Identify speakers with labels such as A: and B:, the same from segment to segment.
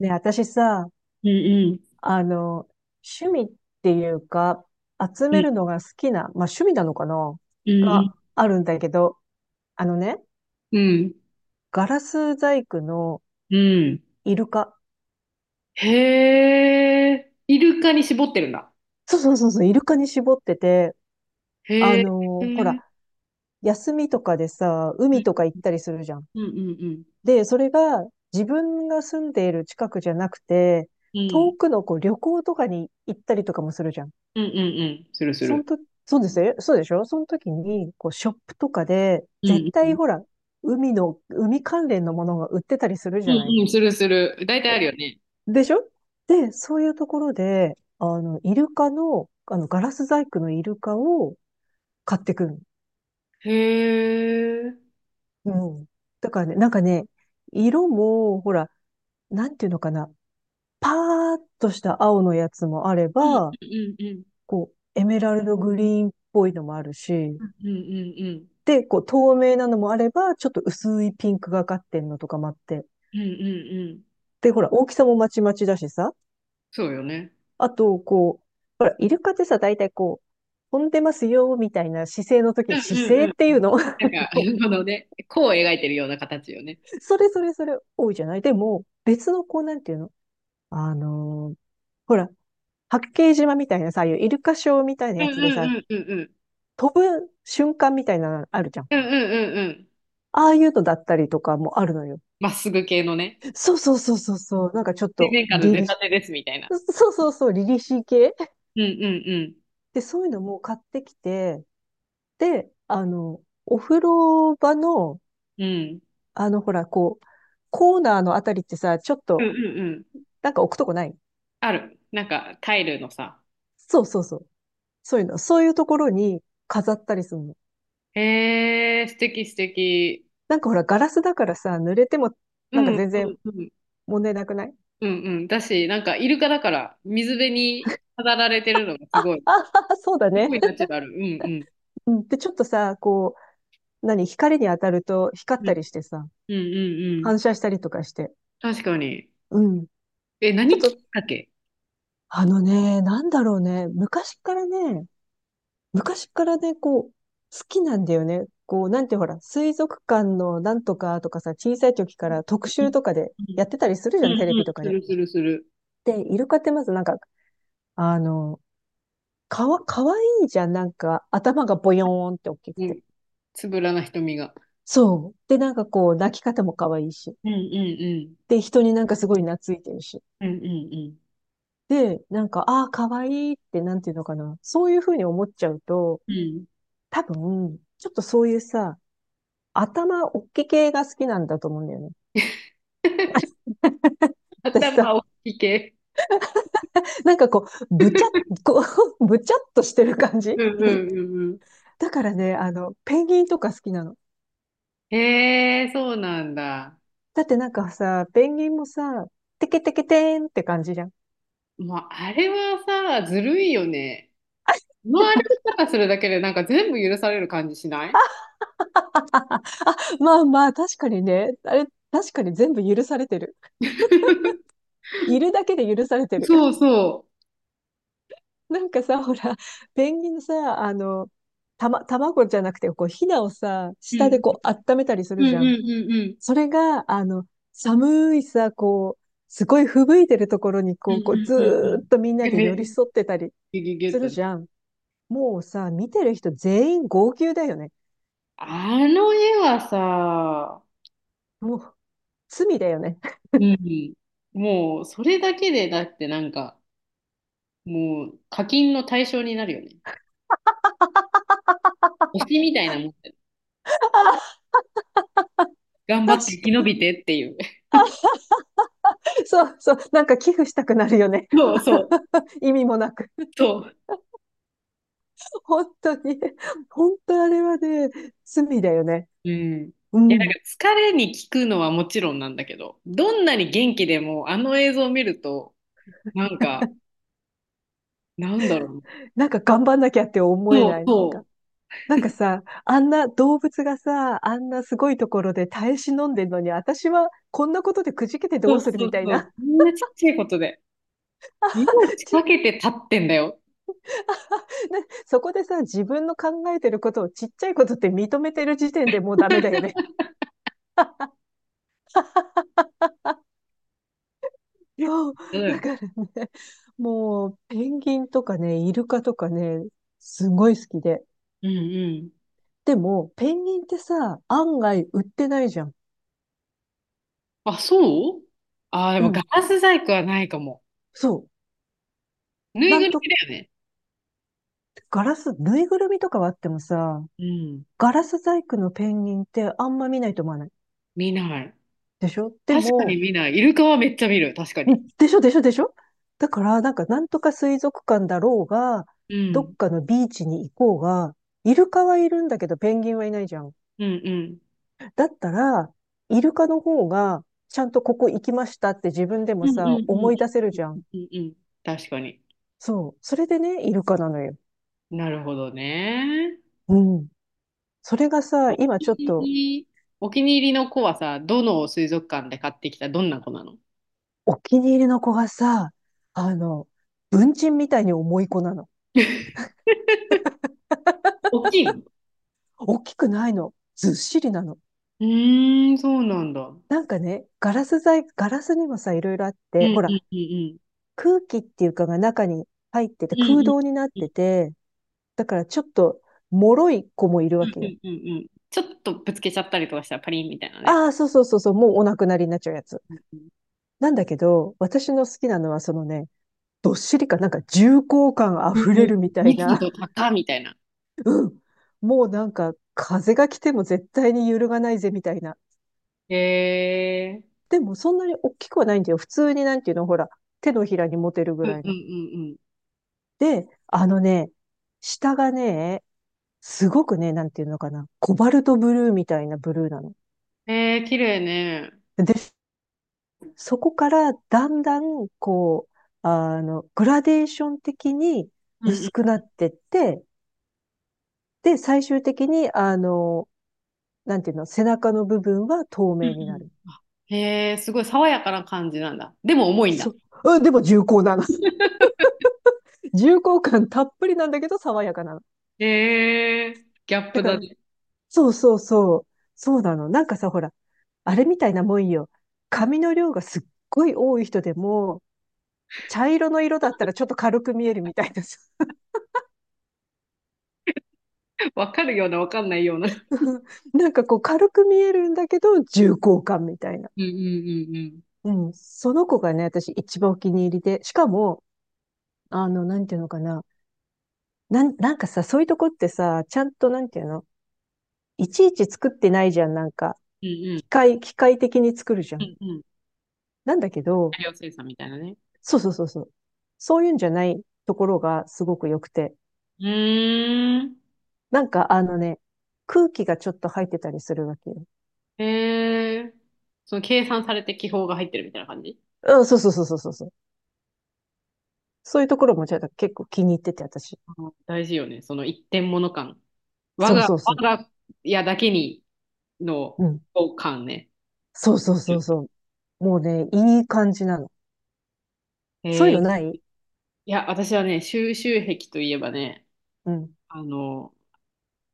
A: ね、私さ、
B: うんうん。
A: あの、趣味っていうか、集める
B: う
A: のが好きな、まあ趣味なのかなが
B: ん
A: あるんだけど、あのね、
B: うん。うん。
A: ガラス細工の
B: うん。
A: イルカ。
B: へえ、イルカに絞ってるんだ。
A: そうそうそうそう、イルカに絞ってて、
B: へえ。う
A: ほら、
B: ん
A: 休みとかでさ、
B: う
A: 海
B: ん
A: とか行ったりするじゃん。
B: うんうん。
A: で、それが自分が住んでいる近くじゃなくて、
B: う
A: 遠
B: ん
A: くのこう旅行とかに行ったりとかもするじゃん。
B: うんうんうん、するす
A: そん
B: る。
A: と、そうですよ。そうでしょ、その時に、こう、ショップとかで、
B: う
A: 絶
B: んう
A: 対
B: ん。
A: ほら、海の、海関連のものが売ってたりする
B: う
A: じゃない。
B: んうん、するする。大体あるよね。
A: でしょ。で、そういうところで、イルカの、ガラス細工のイルカを買ってくる。
B: へえ。うん
A: うん。だからね、なんかね、色も、ほら、なんていうのかな、パーッとした青のやつもあれば、
B: うんうんうん。
A: こう、エメラルドグリーンっぽいのもあるし、
B: うんうんうん。
A: で、こう透明なのもあれば、ちょっと薄いピンクがかってんのとかもあって。
B: うんうんうん。
A: で、ほら、大きさもまちまちだしさ。
B: そうよね。
A: あと、こう、ほら、イルカってさ、大体こう、飛んでますよ、みたいな姿勢の時
B: う
A: に、
B: んう
A: 姿
B: ん
A: 勢
B: う
A: っ
B: ん。
A: ていうの。
B: なんか、このね、弧を描いてるような形よね。
A: それそれそれ多いじゃない。でも、別のこう、なんていうの、あのーほら、八景島みたいなさ、ああいうイルカショーみたいな
B: うん
A: や
B: う
A: つでさ、
B: んうんうんうん。
A: 飛ぶ瞬間みたいなのあるじゃん。
B: うんうんうんうん。
A: ああいうのだったりとかもあるのよ。
B: まっすぐ系のね。
A: そうそうそうそうそう。なんかちょっ
B: 水
A: と、
B: 面下の
A: 凛
B: 出
A: 々、
B: たてですみたいな。
A: そうそうそう、リリシー系。
B: うんうん
A: で、そういうのも買ってきて、で、お風呂場の、
B: うん。うん。
A: ほら、こう、コーナーのあたりってさ、ちょっ
B: うん
A: と、
B: うんうん。
A: なんか置くとこない。
B: ある。なんかタイルのさ。
A: そうそうそう。そういうの。そういうところに飾ったりするの。
B: へえ、素敵素敵。
A: なんかほら、ガラスだからさ、濡れても、
B: う
A: なんか
B: ん
A: 全
B: う
A: 然
B: んうん。
A: 問題なくない？
B: うんうん。だし、なんかイルカだから水辺に飾られてるのがす
A: あ、
B: ごい。
A: あ、そうだ
B: すご
A: ね。
B: いナチュラル。うんうん。
A: うん。で、ちょっとさ、こう、何、光に当たると光っ
B: う
A: た
B: ん
A: りしてさ、
B: うんうんうん。
A: 反射したりとかして。
B: 確かに。
A: うん。
B: え、
A: ちょっ
B: 何きっ
A: と
B: かけ？
A: なんだろうね。昔からね、こう、好きなんだよね。こう、なんてほら、水族館のなんとかとかさ、小さい時から
B: う
A: 特
B: んう
A: 集とかで
B: ん
A: やってたりするじ
B: う
A: ゃ
B: ん
A: ん、
B: う
A: テレ
B: ん、
A: ビとか
B: す
A: で。
B: るするする。
A: で、イルカってまずなんか、あの、かわいいじゃん、なんか、頭がボヨーンって大きく
B: う
A: て。
B: ん。つぶらな瞳が。
A: そう。で、なんかこう、泣き方も可愛いし。
B: うんうん
A: で、人になんかすごい懐いてるし。
B: うん。うんうんう
A: で、なんか、ああ、可愛いいって、なんていうのかな。そういうふうに思っちゃうと、
B: ん。うん。
A: 多分、ちょっとそういうさ、頭おっきい系が好きなんだと思うんだよね。私
B: 頭
A: さ、
B: 大きい系。
A: なんかこう、ぶちゃっ、こう、ぶちゃっとしてる感じ。
B: うんうんうんうん。
A: だからね、ペンギンとか好きなの。
B: へえ、そうなんだ。
A: だってなんかさ、ペンギンもさ、テケテケテーンって感じじゃん。
B: もうあれはさ、ずるいよね。この歩き方するだけでなんか全部許される感じしない？
A: まあまあ、確かにね、あれ、確かに全部許されてる。いるだけで許されてる。
B: そうそ
A: なんかさ、ほら、ペンギンのさ、卵じゃなくて、こう、ヒナをさ、
B: う。う
A: 下で
B: ん
A: こう、温めたりす
B: う
A: る
B: ん
A: じゃん。
B: うんうんうん。
A: それが、寒いさ、こう、すごい吹雪いてるところに、
B: うん
A: こ
B: う
A: う、こう
B: ん
A: ず
B: うんう
A: ーっ
B: ん。
A: とみんな
B: え、
A: で寄り
B: め、
A: 添ってたり
B: ギュギュ
A: す
B: ッと
A: る
B: ね。
A: じゃん。もうさ、見てる人全員号泣だよね。
B: あの絵はさ、
A: もう、罪だよね。
B: うん。もうそれだけでだってなんか、もう課金の対象になるよね。推しみたいなもんだよ。頑張
A: 確
B: って生き延
A: か
B: びてっていう。
A: に。そうそう。なんか寄付したくなるよね。
B: そうそう。
A: 意味もなく。
B: そう。
A: 本当に。本当あれはね、罪だよね。
B: うん。い
A: う
B: や、なん
A: ん。
B: か疲れに効くのはもちろんなんだけど、どんなに元気でもあの映像を見ると、なんか、なんだろう。
A: なんか頑張んなきゃって思え
B: そ
A: な
B: う
A: い？
B: そう。
A: なんかさ、あんな動物がさ、あんなすごいところで耐え忍んでるのに、私はこんなことでくじけてど
B: そ
A: う
B: う
A: する
B: そ
A: み
B: う
A: たい
B: そう、
A: な。
B: こんなちっちゃいことで。命 かけて立ってんだよ。
A: ちな、そこでさ、自分の考えてることをちっちゃいことって認めてる時点でもうダメだよね。そう。
B: う
A: だ
B: ん。
A: からね、もう、ペンギンとかね、イルカとかね、すごい好きで。
B: うんうん。
A: でも、ペンギンってさ、案外売ってないじゃん。
B: あ、そう。あー、で
A: う
B: もガ
A: ん。
B: ラス細工はないかも。
A: そう。
B: ぬい
A: な
B: ぐる
A: んと、
B: みだよね。
A: ガラス、ぬいぐるみとかはあってもさ、
B: うん。
A: ガラス細工のペンギンってあんま見ないと思わない？
B: 見ない。
A: でしょ。で
B: 確かに
A: も、
B: 見ない。イルカはめっちゃ見る。確か
A: う
B: に。
A: ん、でしょ、でしょ、でしょ、だから、なんか、なんとか水族館だろうが、
B: う
A: どっ
B: ん。
A: かのビーチに行こうが、イルカはいるんだけど、ペンギンはいないじゃん。
B: うんうん。
A: だったら、イルカの方が、ちゃんとここ行きましたって自分でも
B: うんうんう
A: さ、思
B: ん
A: い出せるじゃ
B: う
A: ん。
B: んうんうん。確かに。
A: そう。それでね、イルカなのよ。
B: なるほどね。
A: うん。それがさ、今ちょっ
B: 気
A: と、
B: に、お気に入りの子はさ、どの水族館で買ってきたどんな子なの？
A: お気に入りの子がさ、あの、文鎮みたいに重い子なの。
B: 大きいの？
A: 大きくないの。ずっしりなの。
B: うーん、そうなんだ。うん
A: なんかね、ガラス材、ガラスにもさ、いろいろあっ
B: う
A: て、ほ
B: んう
A: ら、
B: んうん。
A: 空気っていうかが中に入って
B: う
A: て、
B: んう
A: 空
B: ん
A: 洞になっ
B: う
A: て
B: ん
A: て、だからちょっと、脆い子もいる
B: う
A: わ
B: ん
A: け
B: う
A: よ。
B: んうん。ちょっとぶつけちゃったりとかしたらパリンみたいなね。
A: ああ、そうそうそうそう、もうお亡くなりになっちゃうやつ。
B: うんうん
A: なんだけど、私の好きなのはそのね、どっしりかなんか重厚感あ
B: うん。
A: ふれ
B: うん
A: るみたい
B: 密
A: な。
B: 度高みたいな。
A: もうなんか風が来ても絶対に揺るがないぜみたいな。
B: へえ。
A: でもそんなに大きくはないんだよ。普通になんていうの、ほら、手のひらに持てるぐ
B: うんう
A: ら
B: ん
A: い
B: う
A: の。
B: んうん。
A: で、あのね、下がね、すごくね、なんていうのかな、コバルトブルーみたいなブルーなの。
B: へえ、綺麗ね。
A: で、そこからだんだん、こう、グラデーション的に
B: うんうん
A: 薄くなってって、で、最終的に、なんていうの、背中の部分は透
B: うん
A: 明になる。
B: うん。へえ、すごい爽やかな感じなんだ。でも重いんだ。
A: そう、うん、でも重厚なの。重厚感たっぷりなんだけど爽やかなの。
B: へえ、ギャッ
A: だ
B: プ
A: か
B: だ
A: ら、
B: ね。
A: そうそうそう。そうなの。なんかさ、ほら、あれみたいなもんよ。髪の量がすっごい多い人でも、茶色の色だったらちょっと軽く見えるみたいなさ。
B: わかるような、わかんないような。
A: なんかこう軽く見えるんだけど、重厚感みたいな。
B: うんうんうんうん。
A: うん。その子がね、私一番お気に入りで。しかも、なんていうのかな。なんかさ、そういうとこってさ、ちゃんとなんていうの、いちいち作ってないじゃん。なんか、
B: うんうん。
A: 機械的に作るじゃ
B: う
A: ん。
B: んうん。
A: なんだけ
B: 大
A: ど、
B: 量生産みたいなね。
A: そうそうそうそう。そういうんじゃないところがすごく良くて。
B: うーん。
A: なんか空気がちょっと入ってたりするわけよ。
B: へえ。その計算されて気泡が入ってるみたいな感じ？
A: うん、そうそうそうそうそうそう。そういうところもちょっと結構気に入ってて、私。
B: あの、大事よね。その一点物感。我
A: そう
B: が、
A: そうそう。
B: 我が家だけにの
A: うん。
B: 感ね。
A: そうそうそうそう。もうね、いい感じなの。
B: え
A: そういうの
B: ー、
A: ない？
B: いや、私はね、収集癖といえばね、
A: うん。
B: あの、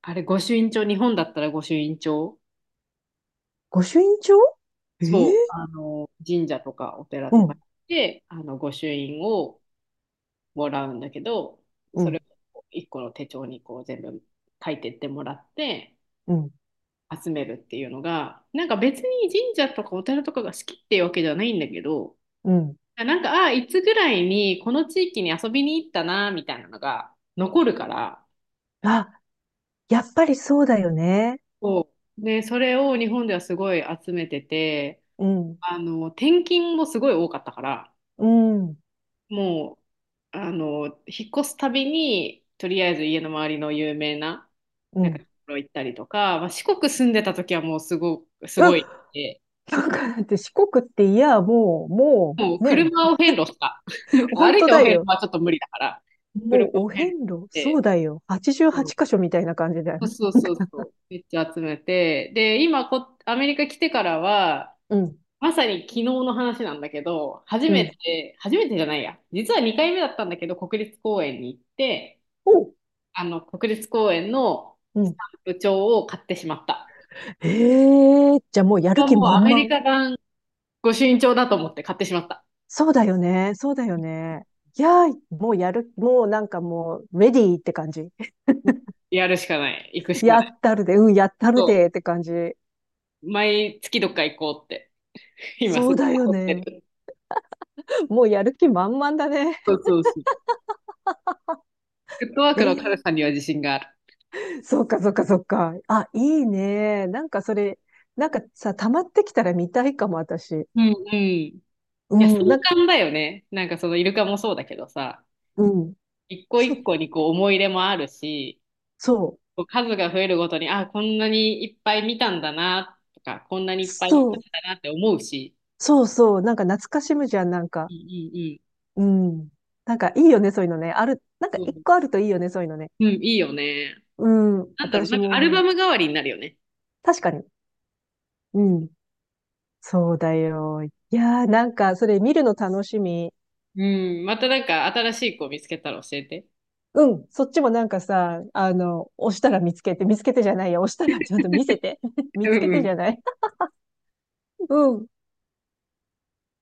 B: あれ、御朱印帳、日本だったら御朱印帳、
A: 御朱印帳。え
B: そ
A: え。
B: う、あの、神社とかお寺
A: う
B: とか
A: ん、
B: 行って、あの、御朱印をもらうんだけど、
A: う
B: そ
A: ん、
B: れを一個の手帳にこう全部書いてってもらって
A: うん、
B: 集めるっていうのが、なんか別に神社とかお寺とかが好きっていうわけじゃないんだけど、
A: うん。
B: なんか、あいつぐらいにこの地域に遊びに行ったな、みたいなのが残るから、
A: あ、やっぱりそうだよね。
B: そうね、それを日本ではすごい集めてて、
A: うん、
B: あの、転勤もすごい多かったから、
A: うん、うん。
B: もう、あの、引っ越すたびに、とりあえず家の周りの有名な、なんか、ところ行ったりとか、まあ、四国住んでた時はもうすご
A: うっ、
B: い、て、
A: なんかだって四国っていや、もう、も
B: もう
A: う、ね、
B: 車を遍路した。
A: 本
B: 歩い
A: 当
B: てお
A: だ
B: 遍路
A: よ。
B: はちょっと無理だから、車
A: も
B: を
A: うお
B: 遍路し
A: 遍路、そう
B: て、
A: だよ。88
B: うん、
A: 箇所みたいな感じだよ。
B: そうそうそうそう、めっちゃ集めて、で、アメリカ来てからは、
A: うん、
B: まさに昨日の話なんだけど、
A: うん。
B: 初めてじゃないや、実は2回目だったんだけど、国立公園に行って、
A: おう。
B: あの、国立公園の
A: う
B: ス
A: ん。
B: タンプ帳を買ってしまった。
A: ええ、ーじゃあもうや
B: これ
A: る
B: は
A: 気
B: もうア
A: 満
B: メリ
A: 々。
B: カ版御朱印帳だと思って買ってしまった。
A: そうだよね。そうだよね。いやー、もうやる、もうなんかもう、レディーって感じ。
B: やるしかない。行くしか
A: や
B: ない。
A: ったるで、うん、やったる
B: そ
A: でって感じ。
B: う。毎月どっか行こうって。今
A: そ
B: す
A: う
B: ぐ
A: だよ
B: 思って
A: ね。
B: る。
A: もうやる気満々だね。
B: そうそうそう。フットワーク
A: え
B: の軽さ
A: え、
B: には自信がある。
A: そうか、そうか、そうか。あ、いいね。なんかそれ、なんかさ、溜まってきたら見たいかも、私。
B: うんうん。いや、壮
A: うん、な、
B: 観だよね。なんかそのイルカもそうだけどさ、
A: うん。
B: 一個一
A: そ、
B: 個にこう思い入れもあるし、
A: そう、
B: こう数が増えるごとに、あ、こんなにいっぱい見たんだなとか、こんなにいっぱい行った
A: そう、
B: んだなって思うし、
A: そう、そう、なんか懐かしむじゃん、なん
B: う
A: か。
B: んうんうん。
A: うん。なんかいいよね、そういうのね。ある、なんか
B: う
A: 一
B: ん、
A: 個あるといいよね、そういうのね。
B: うん、いいよね。
A: うん、
B: なんだろう、
A: 私
B: なんか
A: も
B: アル
A: 思
B: バ
A: う。
B: ム代わりになるよね。
A: 確かに。うん。そうだよ。いやー、なんか、それ見るの楽しみ。
B: うん、またなんか新しい子見つけたら教えて。
A: うん、そっちもなんかさ、押したら見つけて、見つけてじゃないや、押したらちゃんと見せて。見
B: う
A: つけ
B: んう
A: てじゃ
B: ん
A: ない。うん